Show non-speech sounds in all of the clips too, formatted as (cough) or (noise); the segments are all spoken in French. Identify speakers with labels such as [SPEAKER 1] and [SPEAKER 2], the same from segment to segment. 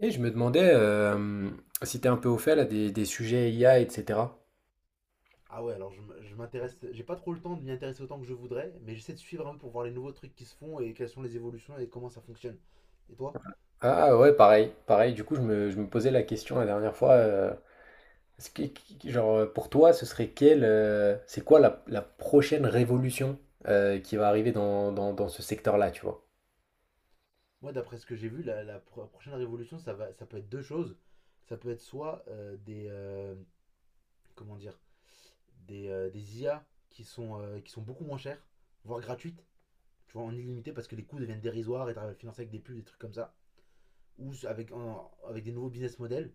[SPEAKER 1] Et je me demandais si t'es un peu au fait là des sujets IA, etc.
[SPEAKER 2] Ah ouais, alors je m'intéresse, j'ai pas trop le temps de m'y intéresser autant que je voudrais, mais j'essaie de suivre un peu pour voir les nouveaux trucs qui se font et quelles sont les évolutions et comment ça fonctionne. Et toi?
[SPEAKER 1] Ah ouais, pareil, pareil. Du coup, je me posais la question la dernière fois. Est-ce que- qui- genre, Pour toi, ce serait c'est quoi la prochaine révolution qui va arriver dans ce secteur-là, tu vois?
[SPEAKER 2] Moi, d'après ce que j'ai vu, la prochaine révolution, ça peut être deux choses. Ça peut être soit des, comment dire, des IA qui sont beaucoup moins chères, voire gratuites, tu vois, en illimité parce que les coûts deviennent dérisoires et t'arrives à le financer avec des pubs, des trucs comme ça, ou avec des nouveaux business models.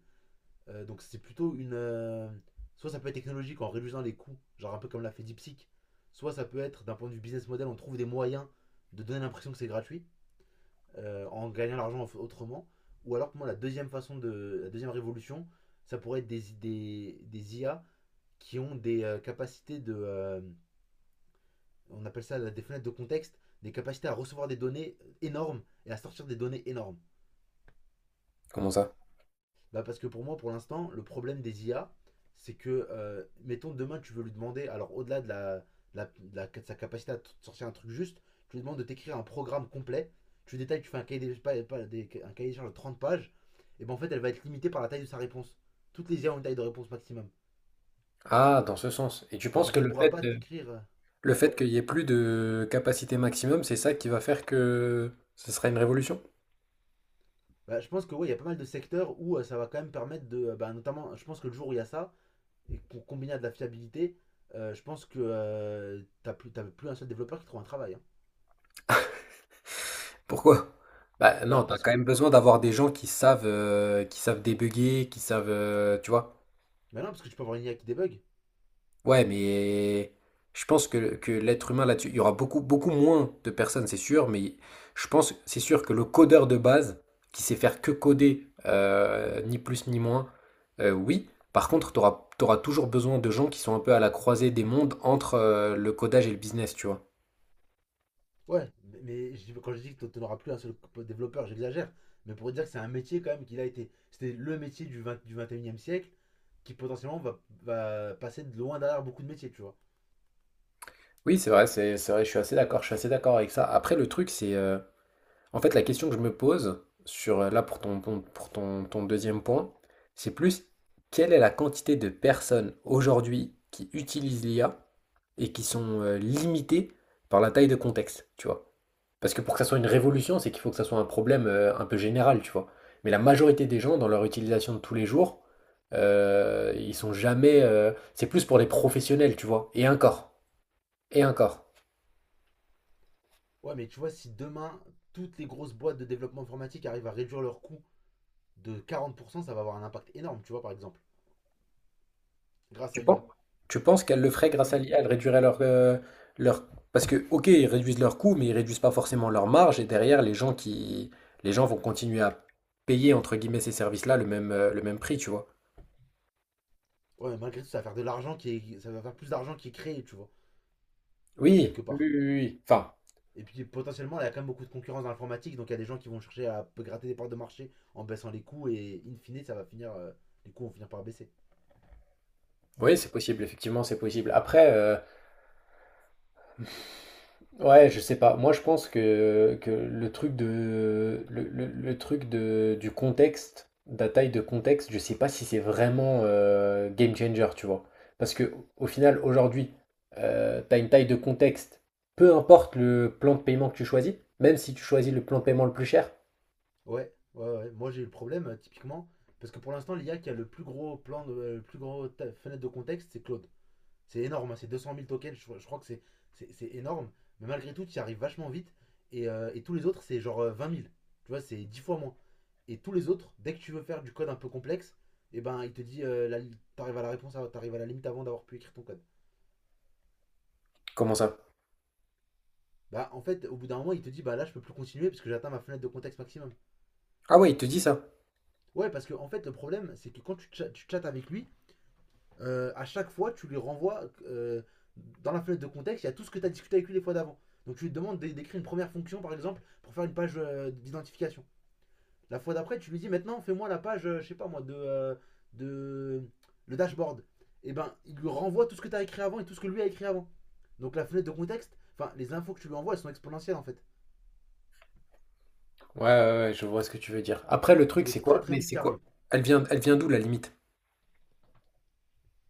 [SPEAKER 2] Donc c'est plutôt une. Soit ça peut être technologique en réduisant les coûts, genre un peu comme l'a fait DeepSeek. Soit ça peut être d'un point de vue business model, on trouve des moyens de donner l'impression que c'est gratuit en gagnant l'argent autrement. Ou alors pour moi la deuxième façon de la deuxième révolution, ça pourrait être des IA qui ont des capacités de on appelle ça des fenêtres de contexte, des capacités à recevoir des données énormes et à sortir des données énormes.
[SPEAKER 1] Comment ça?
[SPEAKER 2] Parce que pour moi, pour l'instant, le problème des IA, c'est que, mettons, demain, tu veux lui demander, alors au-delà de sa capacité à te sortir un truc juste, tu lui demandes de t'écrire un programme complet, tu détailles, tu fais un cahier des, pas- pas- des- un cahier des charges de 30 pages, et ben en fait, elle va être limitée par la taille de sa réponse. Toutes les IA ont une taille de réponse maximum.
[SPEAKER 1] Ah, dans ce sens. Et tu penses que
[SPEAKER 2] Donc elle pourra pas t'écrire.
[SPEAKER 1] le
[SPEAKER 2] Ouais.
[SPEAKER 1] fait qu'il y ait plus de capacité maximum, c'est ça qui va faire que ce sera une révolution?
[SPEAKER 2] Bah, je pense que ouais, il y a pas mal de secteurs où ça va quand même permettre de, bah, notamment, je pense que le jour où il y a ça, et pour combiner à de la fiabilité, je pense que t'as plus un seul développeur qui trouve un travail, hein.
[SPEAKER 1] Pourquoi? Bah non,
[SPEAKER 2] Bah
[SPEAKER 1] t'as
[SPEAKER 2] parce
[SPEAKER 1] quand même
[SPEAKER 2] que,
[SPEAKER 1] besoin d'avoir des gens qui qui savent débugger, qui tu vois.
[SPEAKER 2] bah non, parce que tu peux avoir une IA qui débug.
[SPEAKER 1] Ouais, mais je pense que l'être humain là-dessus, il y aura beaucoup, beaucoup moins de personnes, c'est sûr, mais je pense, c'est sûr que le codeur de base, qui sait faire que coder, ni plus ni moins, oui. Par contre, t'auras toujours besoin de gens qui sont un peu à la croisée des mondes entre le codage et le business, tu vois.
[SPEAKER 2] Ouais, mais quand je dis que tu n'auras plus un seul développeur, j'exagère. Mais pour dire que c'est un métier quand même qu'il a été, c'était le métier du 21e siècle qui potentiellement va passer de loin derrière beaucoup de métiers, tu vois.
[SPEAKER 1] Oui, c'est vrai, c'est vrai, je suis assez d'accord, je suis assez d'accord avec ça. Après, le truc, c'est... En fait, la question que je me pose sur là pour pour ton deuxième point, c'est plus quelle est la quantité de personnes aujourd'hui qui utilisent l'IA et qui sont limitées par la taille de contexte, tu vois. Parce que pour que ça soit une révolution, c'est qu'il faut que ça soit un problème un peu général, tu vois. Mais la majorité des gens, dans leur utilisation de tous les jours, ils sont jamais. C'est plus pour les professionnels, tu vois. Et encore. Et encore.
[SPEAKER 2] Ouais, mais tu vois, si demain toutes les grosses boîtes de développement informatique arrivent à réduire leurs coûts de 40%, ça va avoir un impact énorme, tu vois, par exemple, grâce
[SPEAKER 1] Tu
[SPEAKER 2] à
[SPEAKER 1] penses,
[SPEAKER 2] l'IA.
[SPEAKER 1] tu penses qu'elles le feraient
[SPEAKER 2] Non,
[SPEAKER 1] grâce à
[SPEAKER 2] mais
[SPEAKER 1] l'IA? Elles réduiraient leur... Parce que, ok, ils réduisent leurs coûts, mais ils réduisent pas forcément leur marge. Et derrière, les gens vont continuer à payer, entre guillemets, ces services-là le le même prix, tu vois.
[SPEAKER 2] ouais, malgré tout, ça va faire plus d'argent qui est créé, tu vois,
[SPEAKER 1] Oui,
[SPEAKER 2] quelque
[SPEAKER 1] oui,
[SPEAKER 2] part.
[SPEAKER 1] oui, oui. Enfin,
[SPEAKER 2] Et puis potentiellement, il y a quand même beaucoup de concurrence dans l'informatique, donc il y a des gens qui vont chercher à gratter des parts de marché en baissant les coûts et in fine, les coûts vont finir par baisser.
[SPEAKER 1] oui, c'est possible, effectivement, c'est possible. Ouais, je sais pas. Moi, je pense que le truc de le truc de du contexte, de la taille de contexte, je sais pas si c'est vraiment game changer, tu vois. Parce que au final, aujourd'hui, t'as une taille de contexte, peu importe le plan de paiement que tu choisis, même si tu choisis le plan de paiement le plus cher.
[SPEAKER 2] Ouais, ouais, ouais. Moi, j'ai eu le problème typiquement parce que pour l'instant, l'IA qui a le plus gros plan, de, le plus gros fenêtre de contexte, c'est Claude. C'est énorme, hein, c'est 200 000 tokens. Je crois que c'est énorme, mais malgré tout, tu y arrives vachement vite. Et tous les autres, c'est genre 20 000. Tu vois, c'est 10 fois moins. Et tous les autres, dès que tu veux faire du code un peu complexe, et eh ben il te dit t'arrives à la limite avant d'avoir pu écrire ton code.
[SPEAKER 1] Comment ça?
[SPEAKER 2] Bah en fait, au bout d'un moment, il te dit bah là je peux plus continuer parce que j'atteins ma fenêtre de contexte maximum.
[SPEAKER 1] Ah ouais, il te dit ça.
[SPEAKER 2] Ouais, parce que en fait le problème c'est que quand tu chattes avec lui, à chaque fois tu lui renvoies dans la fenêtre de contexte, il y a tout ce que tu as discuté avec lui les fois d'avant. Donc tu lui demandes d'écrire une première fonction par exemple pour faire une page d'identification. La fois d'après, tu lui dis maintenant, fais-moi la page, je sais pas moi, de le dashboard. Et ben, il lui renvoie tout ce que tu as écrit avant et tout ce que lui a écrit avant. Donc la fenêtre de contexte, enfin, les infos que tu lui envoies, elles sont exponentielles en fait.
[SPEAKER 1] Ouais, ouais, ouais, je vois ce que tu veux dire. Après, le truc,
[SPEAKER 2] Et
[SPEAKER 1] c'est
[SPEAKER 2] très
[SPEAKER 1] quoi?
[SPEAKER 2] très
[SPEAKER 1] Mais
[SPEAKER 2] vite,
[SPEAKER 1] c'est
[SPEAKER 2] tu
[SPEAKER 1] quoi?
[SPEAKER 2] arrives.
[SPEAKER 1] Elle vient d'où la limite?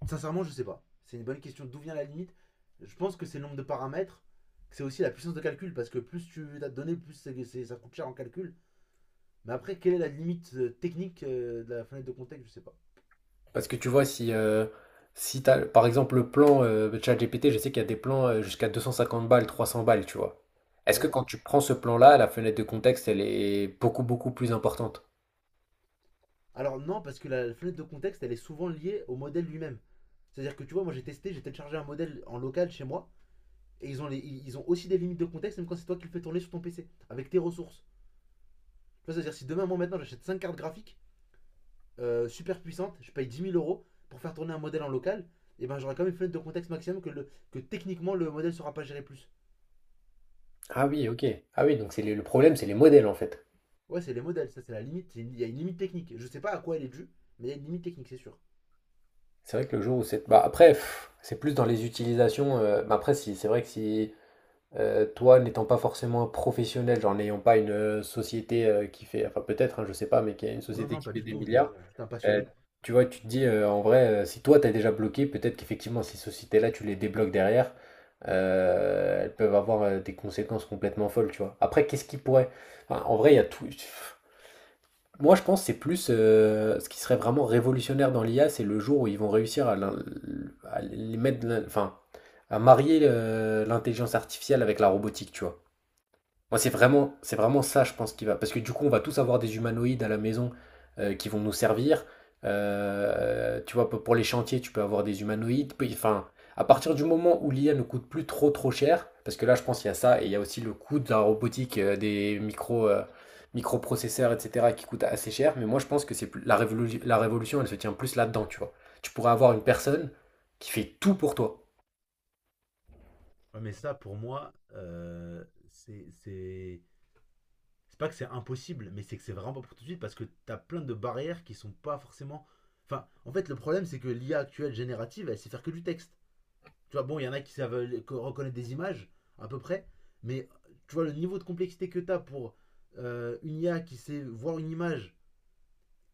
[SPEAKER 2] Sincèrement, je sais pas. C'est une bonne question d'où vient la limite. Je pense que c'est le nombre de paramètres, que c'est aussi la puissance de calcul, parce que plus tu as de données, plus ça coûte cher en calcul. Mais après, quelle est la limite technique de la fenêtre de contexte? Je sais pas.
[SPEAKER 1] Parce que tu vois, si t'as, par exemple, le plan ChatGPT, je sais qu'il y a des plans jusqu'à 250 balles, 300 balles, tu vois. Est-ce que
[SPEAKER 2] Ouais.
[SPEAKER 1] quand tu prends ce plan-là, la fenêtre de contexte, elle est beaucoup, beaucoup plus importante?
[SPEAKER 2] Alors non, parce que la fenêtre de contexte, elle est souvent liée au modèle lui-même. C'est-à-dire que tu vois, moi j'ai testé, j'ai téléchargé un modèle en local chez moi, et ils ont aussi des limites de contexte, même quand c'est toi qui le fais tourner sur ton PC, avec tes ressources. Tu vois, c'est-à-dire si demain, moi maintenant, j'achète 5 cartes graphiques super puissantes, je paye 10 000 euros pour faire tourner un modèle en local, et ben j'aurai quand même une fenêtre de contexte maximum que techniquement le modèle sera pas géré plus.
[SPEAKER 1] Ah oui, ok. Ah oui, donc c'est le problème, c'est les modèles, en fait.
[SPEAKER 2] Ouais, c'est les modèles, ça c'est la limite, il y a une limite technique. Je sais pas à quoi elle est due, mais il y a une limite technique, c'est sûr.
[SPEAKER 1] C'est vrai que le jour où c'est... Bah après, pff, c'est plus dans les utilisations. Après, si, c'est vrai que si toi, n'étant pas forcément un professionnel, genre n'ayant pas une société qui fait... Enfin peut-être, hein, je sais pas, mais qui a une
[SPEAKER 2] Non,
[SPEAKER 1] société
[SPEAKER 2] non,
[SPEAKER 1] qui
[SPEAKER 2] pas
[SPEAKER 1] fait
[SPEAKER 2] du
[SPEAKER 1] des
[SPEAKER 2] tout, je
[SPEAKER 1] milliards,
[SPEAKER 2] suis un
[SPEAKER 1] Euh,
[SPEAKER 2] passionné.
[SPEAKER 1] tu vois, tu te dis en vrai, si toi t'as déjà bloqué, peut-être qu'effectivement, ces sociétés-là, tu les débloques derrière, elles peuvent avoir des conséquences complètement folles, tu vois. Après, qu'est-ce qui pourrait. Enfin, en vrai, il y a tout. Moi, je pense que c'est plus ce qui serait vraiment révolutionnaire dans l'IA, c'est le jour où ils vont réussir à les mettre, à marier l'intelligence artificielle avec la robotique, tu vois. Moi, c'est vraiment ça, je pense, qui va. Parce que du coup, on va tous avoir des humanoïdes à la maison qui vont nous servir. Tu vois, pour les chantiers, tu peux avoir des humanoïdes. À partir du moment où l'IA ne coûte plus trop trop cher, parce que là, je pense qu'il y a ça, et il y a aussi le coût de la robotique, des microprocesseurs, etc., qui coûte assez cher. Mais moi, je pense que c'est plus la révolution, elle se tient plus là-dedans, tu vois. Tu pourrais avoir une personne qui fait tout pour toi.
[SPEAKER 2] Ouais, mais ça, pour moi, c'est- c'est c'est pas que c'est impossible, mais c'est que c'est vraiment pas pour tout de suite parce que t'as plein de barrières qui sont pas forcément. Enfin, en fait, le problème, c'est que l'IA actuelle générative, elle sait faire que du texte. Tu vois, bon, il y en a qui savent reconnaître des images, à peu près, mais tu vois, le niveau de complexité que t'as pour une IA qui sait voir une image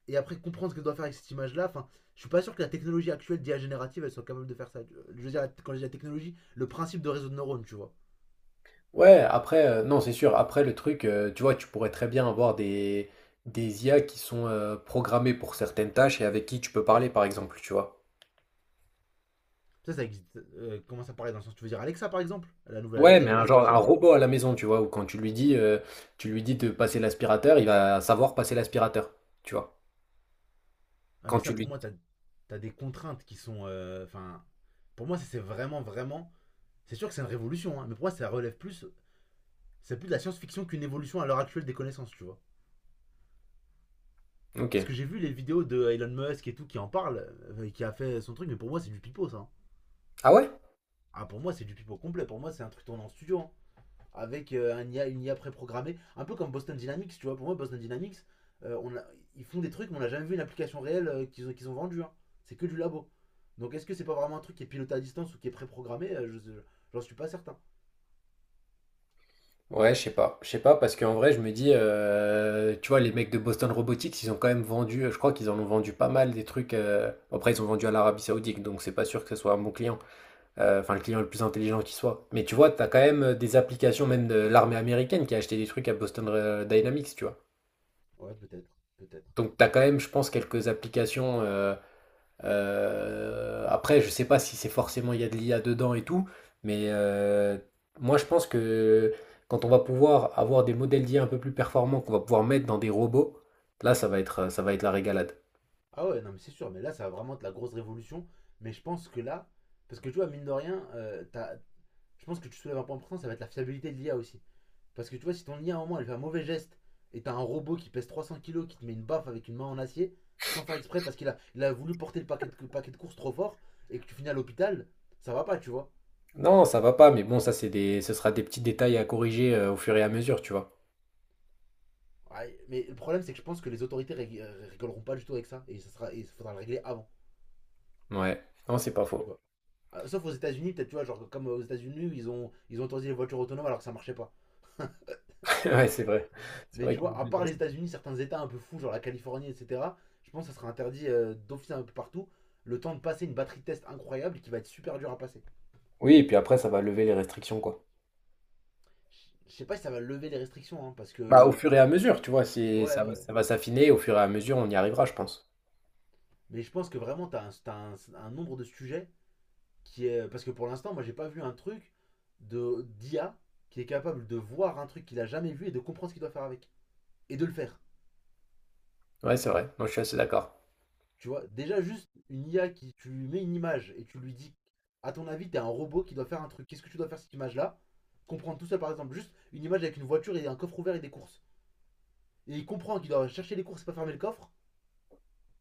[SPEAKER 2] et après comprendre ce qu'elle doit faire avec cette image-là, enfin, je suis pas sûr que la technologie actuelle d'IA générative, elle soit capable de faire ça. Je veux dire, quand je dis la technologie, le principe de réseau de neurones, tu vois.
[SPEAKER 1] Non, c'est sûr. Après, tu vois, tu pourrais très bien avoir des IA qui sont programmées pour certaines tâches et avec qui tu peux parler, par exemple, tu vois.
[SPEAKER 2] Ça existe. Comment ça paraît dans le sens, tu veux dire Alexa par exemple? La nouvelle
[SPEAKER 1] Ouais,
[SPEAKER 2] Alexa
[SPEAKER 1] mais
[SPEAKER 2] qui va
[SPEAKER 1] un genre, un
[SPEAKER 2] sortir là?
[SPEAKER 1] robot à la maison, tu vois, où quand tu lui tu lui dis de passer l'aspirateur, il va savoir passer l'aspirateur, tu vois.
[SPEAKER 2] Ah,
[SPEAKER 1] Quand
[SPEAKER 2] mais ça,
[SPEAKER 1] tu
[SPEAKER 2] pour
[SPEAKER 1] lui...
[SPEAKER 2] moi, t'as des contraintes qui sont. Enfin, pour moi, ça, c'est vraiment, vraiment. C'est sûr que c'est une révolution, hein, mais pour moi, ça relève plus. C'est plus de la science-fiction qu'une évolution à l'heure actuelle des connaissances, tu vois. Parce
[SPEAKER 1] Ok.
[SPEAKER 2] que j'ai vu les vidéos de Elon Musk et tout qui en parle, qui a fait son truc, mais pour moi, c'est du pipeau, ça, hein.
[SPEAKER 1] Ah ouais?
[SPEAKER 2] Ah, pour moi, c'est du pipeau complet. Pour moi, c'est un truc tourné en studio, hein, avec une IA préprogrammée, un peu comme Boston Dynamics, tu vois. Pour moi, Boston Dynamics, euh, on a- ils font des trucs, mais on n'a jamais vu une application réelle qu'ils ont vendue, hein. C'est que du labo. Donc, est-ce que c'est pas vraiment un truc qui est piloté à distance ou qui est préprogrammé? J'en suis pas certain.
[SPEAKER 1] Ouais, je sais pas. Je sais pas, parce qu'en vrai, je me tu vois, les mecs de Boston Robotics, ils ont quand même vendu, je crois qu'ils en ont vendu pas mal des trucs. Après, ils ont vendu à l'Arabie Saoudite, donc c'est pas sûr que ce soit un bon client. Le client le plus intelligent qui soit. Mais tu vois, t'as quand même des applications, même de l'armée américaine, qui a acheté des trucs à Boston Dynamics, tu vois.
[SPEAKER 2] Ouais, peut-être, peut-être.
[SPEAKER 1] Donc, t'as quand même, je pense, quelques applications. Après, je sais pas si c'est forcément il y a de l'IA dedans et tout, mais moi, je pense que quand on va pouvoir avoir des modèles d'IA un peu plus performants, qu'on va pouvoir mettre dans des robots, là, ça va être la régalade.
[SPEAKER 2] Ah ouais, non, mais c'est sûr. Mais là, ça va vraiment être la grosse révolution. Mais je pense que là, parce que tu vois, mine de rien, je pense que tu soulèves un point important, ça va être la fiabilité de l'IA aussi. Parce que tu vois, si ton IA en moins elle fait un mauvais geste et t'as un robot qui pèse 300 kilos qui te met une baffe avec une main en acier, sans faire exprès parce qu'il a voulu porter le paquet de courses trop fort et que tu finis à l'hôpital, ça va pas, tu vois.
[SPEAKER 1] Non, ça va pas, mais bon, ça, ce sera des petits détails à corriger au fur et à mesure, tu vois.
[SPEAKER 2] Ouais, mais le problème, c'est que je pense que les autorités rigoleront pas du tout avec ça et il faudra le régler avant,
[SPEAKER 1] Ouais, non, c'est pas
[SPEAKER 2] tu
[SPEAKER 1] faux.
[SPEAKER 2] vois. Sauf aux États-Unis, peut-être, tu vois, genre comme aux États-Unis, ils ont autorisé les voitures autonomes alors que ça marchait pas.
[SPEAKER 1] Ouais, (laughs) c'est vrai. C'est
[SPEAKER 2] Mais
[SPEAKER 1] vrai
[SPEAKER 2] tu
[SPEAKER 1] qu'ils
[SPEAKER 2] vois,
[SPEAKER 1] ont
[SPEAKER 2] à
[SPEAKER 1] des
[SPEAKER 2] part
[SPEAKER 1] bases.
[SPEAKER 2] les États-Unis, certains États un peu fous, genre la Californie, etc., je pense que ça sera interdit d'office un peu partout. Le temps de passer une batterie de test incroyable qui va être super dur à passer.
[SPEAKER 1] Oui et puis après ça va lever les restrictions, quoi.
[SPEAKER 2] Je sais pas si ça va lever les restrictions, hein, parce
[SPEAKER 1] Bah, au
[SPEAKER 2] que.
[SPEAKER 1] fur et à mesure, tu vois? C'est
[SPEAKER 2] Ouais, ouais.
[SPEAKER 1] ça va
[SPEAKER 2] Ouais.
[SPEAKER 1] s'affiner au fur et à mesure, on y arrivera, je pense.
[SPEAKER 2] Mais je pense que vraiment, t'as un nombre de sujets qui est. Parce que pour l'instant, moi, j'ai pas vu un truc de d'IA qui est capable de voir un truc qu'il a jamais vu et de comprendre ce qu'il doit faire avec. Et de le faire.
[SPEAKER 1] Ouais, c'est vrai. Moi, je suis assez d'accord.
[SPEAKER 2] Tu vois, déjà juste une IA qui, tu lui mets une image et tu lui dis, à ton avis, t'es un robot qui doit faire un truc, qu'est-ce que tu dois faire cette image-là? Comprendre tout seul, par exemple, juste une image avec une voiture et un coffre ouvert et des courses. Et il comprend qu'il doit chercher les courses et pas fermer le coffre,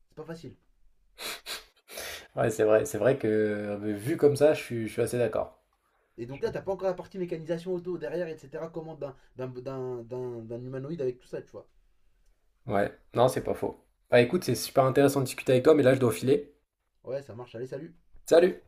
[SPEAKER 2] c'est pas facile.
[SPEAKER 1] Ouais, c'est vrai. C'est vrai que, vu comme ça, je suis assez d'accord.
[SPEAKER 2] Et donc là, t'as pas encore la partie mécanisation auto derrière, etc. Comment d'un humanoïde avec tout ça, tu vois.
[SPEAKER 1] Ouais. Non, c'est pas faux. Bah, écoute, c'est super intéressant de discuter avec toi, mais là, je dois filer.
[SPEAKER 2] Ouais, ça marche, allez, salut.
[SPEAKER 1] Salut!